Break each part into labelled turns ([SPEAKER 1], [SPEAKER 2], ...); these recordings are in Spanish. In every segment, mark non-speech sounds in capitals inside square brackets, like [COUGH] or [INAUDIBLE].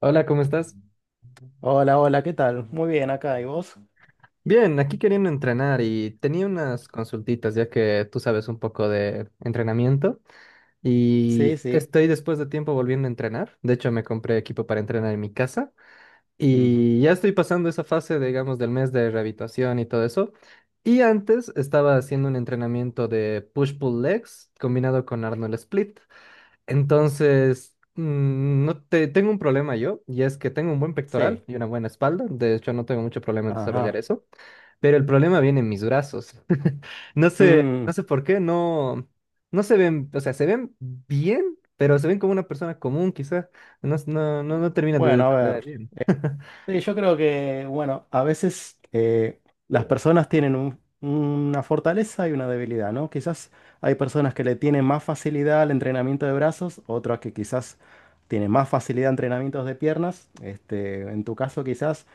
[SPEAKER 1] Hola, ¿cómo estás?
[SPEAKER 2] Hola, hola, ¿qué tal? Muy bien acá, ¿y vos?
[SPEAKER 1] Bien, aquí queriendo entrenar y tenía unas consultitas ya que tú sabes un poco de entrenamiento
[SPEAKER 2] Sí,
[SPEAKER 1] y
[SPEAKER 2] sí.
[SPEAKER 1] estoy después de tiempo volviendo a entrenar. De hecho, me compré equipo para entrenar en mi casa
[SPEAKER 2] Ujú.
[SPEAKER 1] y ya estoy pasando esa fase, digamos, del mes de rehabilitación y todo eso. Y antes estaba haciendo un entrenamiento de push-pull legs combinado con Arnold Split. Entonces, no te, tengo un problema yo, y es que tengo un buen pectoral
[SPEAKER 2] Sí.
[SPEAKER 1] y una buena espalda. De hecho, no tengo mucho problema en
[SPEAKER 2] Ajá.
[SPEAKER 1] desarrollar
[SPEAKER 2] [LAUGHS]
[SPEAKER 1] eso, pero el problema viene en mis brazos. [LAUGHS] No sé,
[SPEAKER 2] Mm.
[SPEAKER 1] no sé por qué, no, no se ven, o sea, se ven bien, pero se ven como una persona común, quizás. No, no, no, no terminan de
[SPEAKER 2] Bueno, a
[SPEAKER 1] desarrollar
[SPEAKER 2] ver.
[SPEAKER 1] bien. [LAUGHS]
[SPEAKER 2] Sí, yo creo que, bueno, a veces las personas tienen una fortaleza y una debilidad, ¿no? Quizás hay personas que le tienen más facilidad al entrenamiento de brazos, otras que quizás tienen más facilidad a entrenamientos de piernas. Este, en tu caso, quizás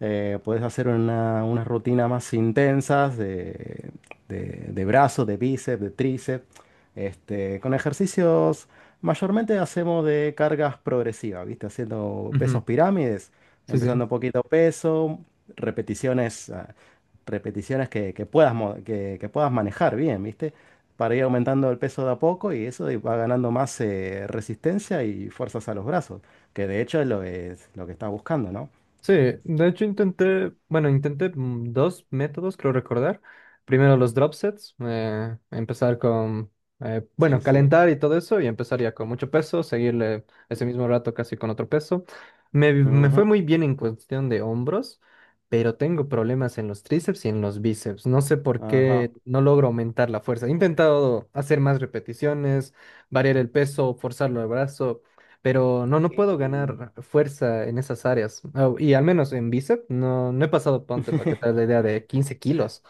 [SPEAKER 2] puedes hacer una rutina más intensas de brazos, de bíceps, de tríceps, este, con ejercicios mayormente hacemos de cargas progresivas, ¿viste? Haciendo pesos
[SPEAKER 1] Ujú.
[SPEAKER 2] pirámides.
[SPEAKER 1] Sí, sí.
[SPEAKER 2] Empezando un poquito peso, repeticiones, ah, repeticiones que puedas, que puedas manejar bien, ¿viste? Para ir aumentando el peso de a poco y eso y va ganando más resistencia y fuerzas a los brazos, que de hecho es lo que estás buscando, ¿no?
[SPEAKER 1] Sí, de hecho intenté, bueno, intenté dos métodos, creo recordar. Primero los drop sets, empezar con,
[SPEAKER 2] Sí,
[SPEAKER 1] bueno,
[SPEAKER 2] sí.
[SPEAKER 1] calentar y todo eso, y empezaría con mucho peso, seguirle ese mismo rato casi con otro peso. Me
[SPEAKER 2] Ujú.
[SPEAKER 1] fue muy bien en cuestión de hombros, pero tengo problemas en los tríceps y en los bíceps. No sé por qué
[SPEAKER 2] Ajá.
[SPEAKER 1] no logro aumentar la fuerza. He intentado hacer más repeticiones, variar el peso, forzarlo el brazo. Pero no, no puedo
[SPEAKER 2] Y-
[SPEAKER 1] ganar fuerza en esas áreas. Ah, y al menos en bíceps, no, no he pasado, ponte para que te hagas la
[SPEAKER 2] [LAUGHS]
[SPEAKER 1] idea, de 15 kilos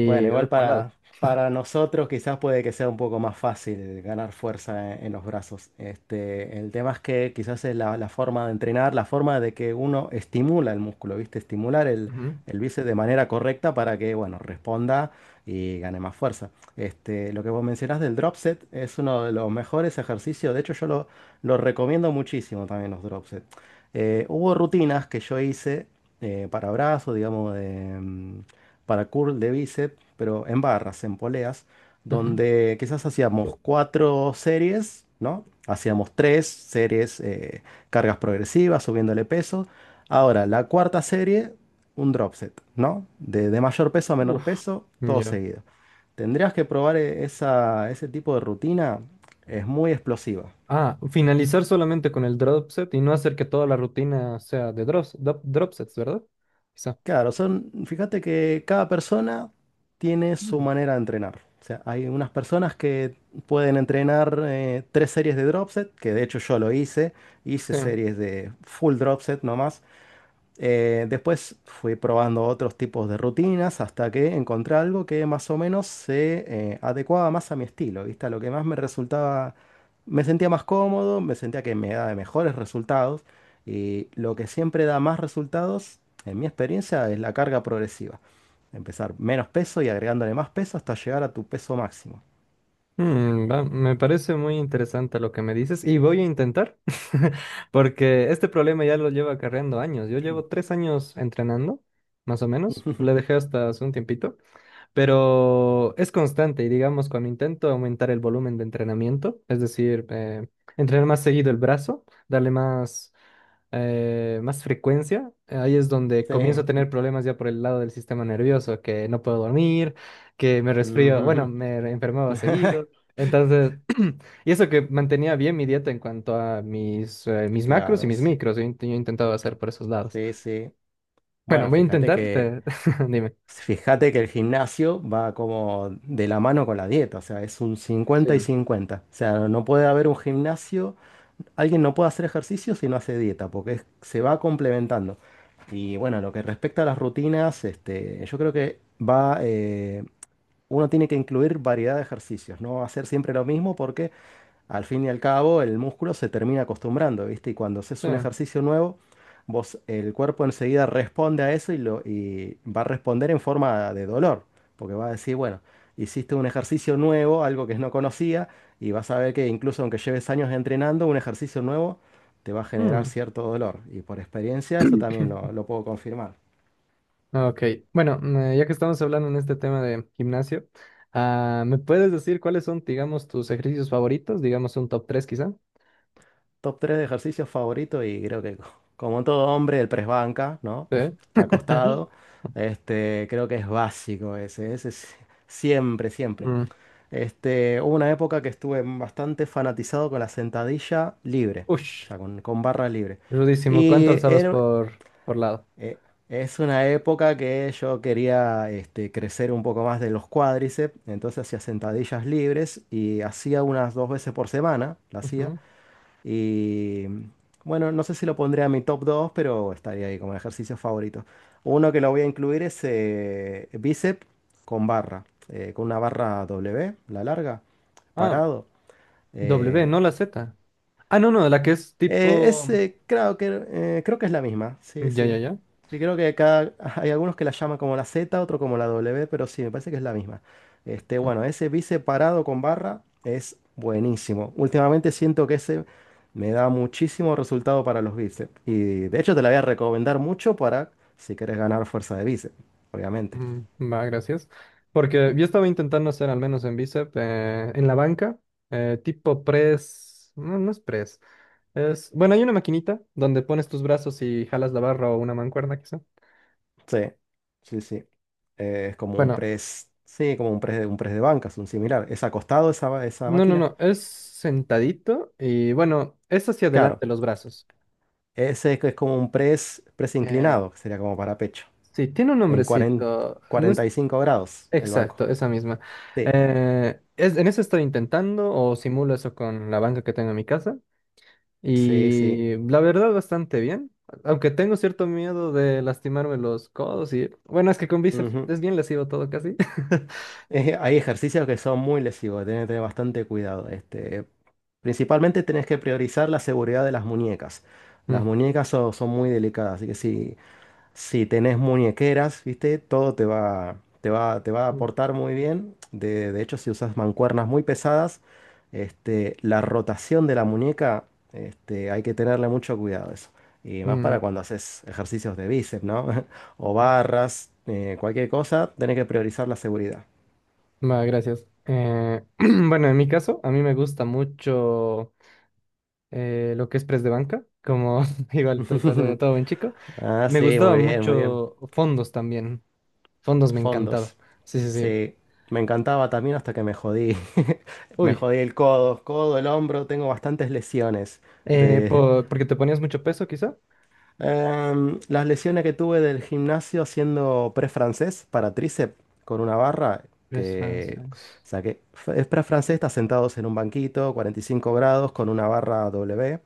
[SPEAKER 2] Bueno, igual
[SPEAKER 1] por lado.
[SPEAKER 2] para nosotros quizás puede que sea un poco más fácil ganar fuerza en los brazos. Este, el tema es que quizás es la forma de entrenar, la forma de que uno estimula el músculo, ¿viste? Estimular
[SPEAKER 1] Ujú,
[SPEAKER 2] el bíceps de manera correcta para que, bueno, responda y gane más fuerza. Este, lo que vos mencionás del drop set es uno de los mejores ejercicios. De hecho, lo recomiendo muchísimo también los drop set. Hubo rutinas que yo hice para brazos, digamos, de... mm, para curl de bíceps, pero en barras, en poleas,
[SPEAKER 1] ujú.
[SPEAKER 2] donde quizás hacíamos cuatro series, ¿no? Hacíamos tres series, cargas progresivas, subiéndole peso. Ahora, la cuarta serie, un drop set, ¿no? De mayor peso a menor
[SPEAKER 1] Uf.
[SPEAKER 2] peso, todo
[SPEAKER 1] Ya.
[SPEAKER 2] seguido. Tendrías que probar esa, ese tipo de rutina, es muy explosiva.
[SPEAKER 1] Ah, finalizar solamente con el drop set y no hacer que toda la rutina sea de drop sets, ¿verdad? Quizá.
[SPEAKER 2] Claro, son, fíjate que cada persona tiene su
[SPEAKER 1] Mm,
[SPEAKER 2] manera de entrenar. O sea, hay unas personas que pueden entrenar tres series de drop set, que de hecho yo lo hice, hice
[SPEAKER 1] sí.
[SPEAKER 2] series de full drop set nomás, después fui probando otros tipos de rutinas hasta que encontré algo que más o menos se adecuaba más a mi estilo, ¿viste? A lo que más me resultaba, me sentía más cómodo, me sentía que me daba mejores resultados y lo que siempre da más resultados, en mi experiencia, es la carga progresiva. Empezar menos peso y agregándole más peso hasta llegar a tu peso máximo.
[SPEAKER 1] Me parece muy interesante lo que me dices y voy a intentar, [LAUGHS] porque este problema ya lo llevo acarreando años. Yo llevo 3 años entrenando, más o menos. Le
[SPEAKER 2] [LAUGHS]
[SPEAKER 1] dejé hasta hace un tiempito, pero es constante y digamos cuando intento aumentar el volumen de entrenamiento, es decir, entrenar más seguido el brazo, darle más frecuencia, ahí es donde
[SPEAKER 2] Sí.
[SPEAKER 1] comienzo a tener problemas ya por el lado del sistema nervioso, que no puedo dormir, que me resfrío, bueno,
[SPEAKER 2] Ujú.
[SPEAKER 1] me enfermaba seguido.
[SPEAKER 2] [LAUGHS]
[SPEAKER 1] Entonces, [CLEARS THROAT] y eso que mantenía bien mi dieta en cuanto a mis macros y
[SPEAKER 2] Claro,
[SPEAKER 1] mis
[SPEAKER 2] sí.
[SPEAKER 1] micros, yo intentaba hacer por esos lados.
[SPEAKER 2] Sí, sí.
[SPEAKER 1] Bueno,
[SPEAKER 2] Bueno,
[SPEAKER 1] voy a
[SPEAKER 2] fíjate
[SPEAKER 1] intentar,
[SPEAKER 2] que
[SPEAKER 1] [LAUGHS] dime.
[SPEAKER 2] Fíjate que el gimnasio va como de la mano con la dieta, o sea, es un
[SPEAKER 1] Sí.
[SPEAKER 2] 50 y 50. O sea, no puede haber un gimnasio, alguien no puede hacer ejercicio si no hace dieta, porque se va complementando. Y bueno, lo que respecta a las rutinas, este, yo creo que uno tiene que incluir variedad de ejercicios, no hacer siempre lo mismo porque al fin y al cabo el músculo se termina acostumbrando, ¿viste? Y cuando haces
[SPEAKER 1] Sí.
[SPEAKER 2] un ejercicio nuevo, vos, el cuerpo enseguida responde a eso y va a responder en forma de dolor, porque va a decir, bueno, hiciste un ejercicio nuevo, algo que no conocía, y vas a ver que incluso aunque lleves años entrenando, un ejercicio nuevo te va a generar
[SPEAKER 1] Mm,
[SPEAKER 2] cierto dolor. Y por experiencia eso también lo puedo confirmar.
[SPEAKER 1] ok, bueno, ya que estamos hablando en este tema de gimnasio, ah, ¿me puedes decir cuáles son, digamos, tus ejercicios favoritos? Digamos un top 3 quizá.
[SPEAKER 2] Top 3 de ejercicios favoritos y creo que como todo hombre el press banca, ¿no?
[SPEAKER 1] Sí.
[SPEAKER 2] [LAUGHS]
[SPEAKER 1] [LAUGHS]
[SPEAKER 2] Acostado. Este, creo que es básico ese es siempre, siempre.
[SPEAKER 1] Mm.
[SPEAKER 2] Este, hubo una época que estuve bastante fanatizado con la sentadilla libre, o
[SPEAKER 1] Ush,
[SPEAKER 2] sea, con barra libre.
[SPEAKER 1] rudísimo. ¿Cuánto
[SPEAKER 2] Y
[SPEAKER 1] alzabas
[SPEAKER 2] era-
[SPEAKER 1] por lado?
[SPEAKER 2] eh, es una época que yo quería este, crecer un poco más de los cuádriceps, entonces hacía sentadillas libres y hacía unas dos veces por semana, la hacía.
[SPEAKER 1] Ujú.
[SPEAKER 2] Y bueno, no sé si lo pondré a mi top 2 pero estaría ahí como ejercicio favorito. Uno que lo voy a incluir es bíceps con barra, con una barra W, la larga,
[SPEAKER 1] Ah,
[SPEAKER 2] parado.
[SPEAKER 1] W,
[SPEAKER 2] Eh,
[SPEAKER 1] no la Z. Ah, no, no, la que es tipo.
[SPEAKER 2] creo que es la misma, sí,
[SPEAKER 1] Ya, ya,
[SPEAKER 2] sí.
[SPEAKER 1] ya.
[SPEAKER 2] Sí, creo que cada, [LAUGHS] hay algunos que la llaman como la Z, otro como la W, pero sí, me parece que es la misma. Este,
[SPEAKER 1] Mm,
[SPEAKER 2] bueno, ese bice parado con barra es buenísimo. Últimamente siento que ese me da muchísimo resultado para los bíceps. Y de hecho te la voy a recomendar mucho para si quieres ganar fuerza de bíceps, obviamente.
[SPEAKER 1] Va, gracias. Porque yo estaba intentando hacer, al menos en bíceps, en la banca, tipo press. No, no es press. Bueno, hay una maquinita donde pones tus brazos y jalas la barra o una mancuerna, quizá.
[SPEAKER 2] Sí, sí, sí. Es como un
[SPEAKER 1] Bueno,
[SPEAKER 2] press, sí, como un press de bancas, un similar. Es acostado esa, esa
[SPEAKER 1] no, no,
[SPEAKER 2] máquina.
[SPEAKER 1] no, es sentadito y bueno, es hacia
[SPEAKER 2] Claro,
[SPEAKER 1] adelante los brazos.
[SPEAKER 2] ese es como un press
[SPEAKER 1] Eh,
[SPEAKER 2] inclinado, que sería como para pecho,
[SPEAKER 1] Sí, tiene un
[SPEAKER 2] en cuarenta
[SPEAKER 1] nombrecito. No es
[SPEAKER 2] cuarenta y cinco grados el banco.
[SPEAKER 1] exacto, esa misma.
[SPEAKER 2] Sí,
[SPEAKER 1] En eso estoy intentando o simulo eso con la banca que tengo en mi casa.
[SPEAKER 2] sí, sí.
[SPEAKER 1] Y la verdad, bastante bien. Aunque tengo cierto miedo de lastimarme los codos y. Bueno, es que con bíceps
[SPEAKER 2] Ujú.
[SPEAKER 1] es bien lesivo todo casi. [LAUGHS]
[SPEAKER 2] Hay ejercicios que son muy lesivos, tienes que tener bastante cuidado. Este, principalmente tenés que priorizar la seguridad de las muñecas. Las
[SPEAKER 1] Mm,
[SPEAKER 2] muñecas son muy delicadas, así que sí, si tenés muñequeras, ¿viste? Todo te va a
[SPEAKER 1] mm,
[SPEAKER 2] aportar muy bien. De hecho, si usas mancuernas muy pesadas, este, la rotación de la muñeca, este, hay que tenerle mucho cuidado a eso. Y más para
[SPEAKER 1] mm.
[SPEAKER 2] cuando haces ejercicios de bíceps, ¿no? [LAUGHS] O barras, cualquier cosa, tenés que priorizar la seguridad.
[SPEAKER 1] Va, gracias. [CLEARS THROAT] Bueno, en mi caso, a mí me gusta mucho lo que es press de banca, como [LAUGHS] igual todo, cuando
[SPEAKER 2] [LAUGHS]
[SPEAKER 1] todo buen chico.
[SPEAKER 2] Ah,
[SPEAKER 1] Me
[SPEAKER 2] sí,
[SPEAKER 1] gustaba
[SPEAKER 2] muy bien, muy bien.
[SPEAKER 1] mucho fondos también. Fondos me encantaba.
[SPEAKER 2] Fondos.
[SPEAKER 1] Sí, sí, sí.
[SPEAKER 2] Sí, me encantaba también hasta que me jodí. [LAUGHS] Me
[SPEAKER 1] Uy,
[SPEAKER 2] jodí el el hombro. Tengo bastantes lesiones. De,
[SPEAKER 1] porque te ponías mucho peso, quizá.
[SPEAKER 2] las lesiones que tuve del gimnasio haciendo press francés para tríceps con una barra
[SPEAKER 1] Press
[SPEAKER 2] que
[SPEAKER 1] francés.
[SPEAKER 2] saqué. Es press francés, estás sentados en un banquito, 45 grados, con una barra W.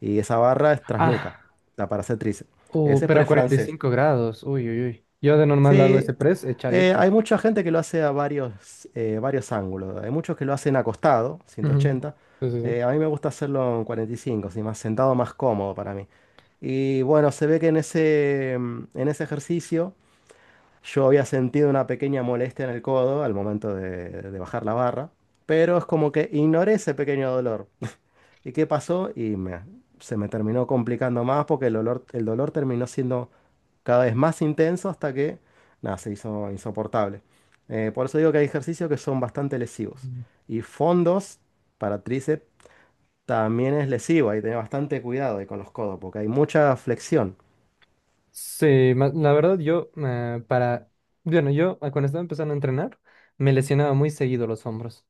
[SPEAKER 2] Y esa barra es trasnuca,
[SPEAKER 1] Ah,
[SPEAKER 2] la para hacer tríceps. Ese es
[SPEAKER 1] pero a
[SPEAKER 2] press
[SPEAKER 1] cuarenta y
[SPEAKER 2] francés.
[SPEAKER 1] cinco grados. Uy, uy, uy. Yo de normal hago
[SPEAKER 2] Sí,
[SPEAKER 1] ese press echadito.
[SPEAKER 2] hay mucha gente que lo hace a varios ángulos. Hay muchos que lo hacen acostado,
[SPEAKER 1] Ujú.
[SPEAKER 2] 180.
[SPEAKER 1] Sí, sí, sí.
[SPEAKER 2] A mí me gusta hacerlo en 45, así más sentado, más cómodo para mí. Y bueno, se ve que en en ese ejercicio yo había sentido una pequeña molestia en el codo al momento de bajar la barra, pero es como que ignoré ese pequeño dolor. ¿Y qué pasó? Se me terminó complicando más porque el dolor terminó siendo cada vez más intenso hasta que, nada, se hizo insoportable. Por eso digo que hay ejercicios que son bastante lesivos.
[SPEAKER 1] Mm.
[SPEAKER 2] Y fondos para tríceps también es lesivo. Hay que tener bastante cuidado ahí con los codos porque hay mucha flexión.
[SPEAKER 1] Sí, la verdad, yo para. Bueno, yo cuando estaba empezando a entrenar, me lesionaba muy seguido los hombros.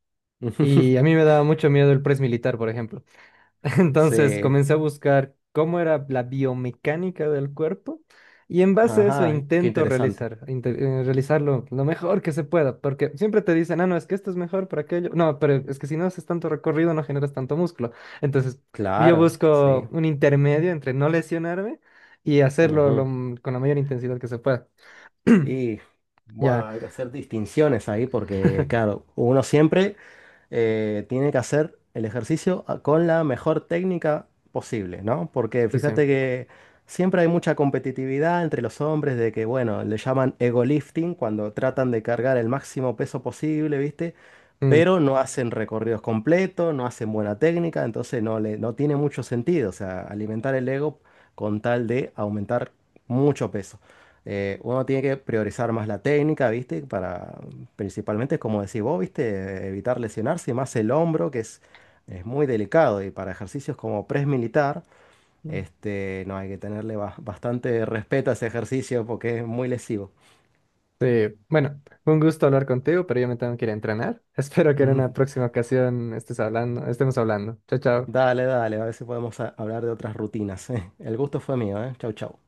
[SPEAKER 1] Y a
[SPEAKER 2] [LAUGHS]
[SPEAKER 1] mí me daba mucho miedo el press militar, por ejemplo. [LAUGHS] Entonces
[SPEAKER 2] Sí,
[SPEAKER 1] comencé a buscar cómo era la biomecánica del cuerpo y en base a eso
[SPEAKER 2] ajá, qué
[SPEAKER 1] intento
[SPEAKER 2] interesante.
[SPEAKER 1] realizarlo lo mejor que se pueda, porque siempre te dicen, ah, no, es que esto es mejor para aquello. No, pero es que si no haces tanto recorrido no generas tanto músculo. Entonces yo
[SPEAKER 2] Claro,
[SPEAKER 1] busco
[SPEAKER 2] sí.
[SPEAKER 1] un intermedio entre no lesionarme y hacerlo lo
[SPEAKER 2] Ujú.
[SPEAKER 1] con la mayor intensidad que se pueda. [CLEARS THROAT]
[SPEAKER 2] Y bueno,
[SPEAKER 1] Ya,
[SPEAKER 2] hay que hacer distinciones ahí porque,
[SPEAKER 1] [LAUGHS]
[SPEAKER 2] claro, uno siempre tiene que hacer el ejercicio con la mejor técnica posible, ¿no? Porque
[SPEAKER 1] pues sí.
[SPEAKER 2] fíjate que siempre hay mucha competitividad entre los hombres de que, bueno, le llaman ego lifting cuando tratan de cargar el máximo peso posible, ¿viste? Pero no hacen recorridos completos, no hacen buena técnica, entonces no tiene mucho sentido, o sea, alimentar el ego con tal de aumentar mucho peso. Uno tiene que priorizar más la técnica, ¿viste? Para, principalmente, como decís vos, ¿viste? Evitar lesionarse, y más el hombro, que es muy delicado, y para ejercicios como press militar,
[SPEAKER 1] Mm.
[SPEAKER 2] este, no hay que tenerle bastante respeto a ese ejercicio porque es muy lesivo.
[SPEAKER 1] Sí, bueno, un gusto hablar contigo, pero yo me tengo que ir a entrenar. [LAUGHS] Espero que en una
[SPEAKER 2] [LAUGHS]
[SPEAKER 1] próxima ocasión estemos hablando. Chao, chao.
[SPEAKER 2] Dale, dale, a ver si podemos hablar de otras rutinas. [LAUGHS] El gusto fue mío, ¿eh? Chau, chau.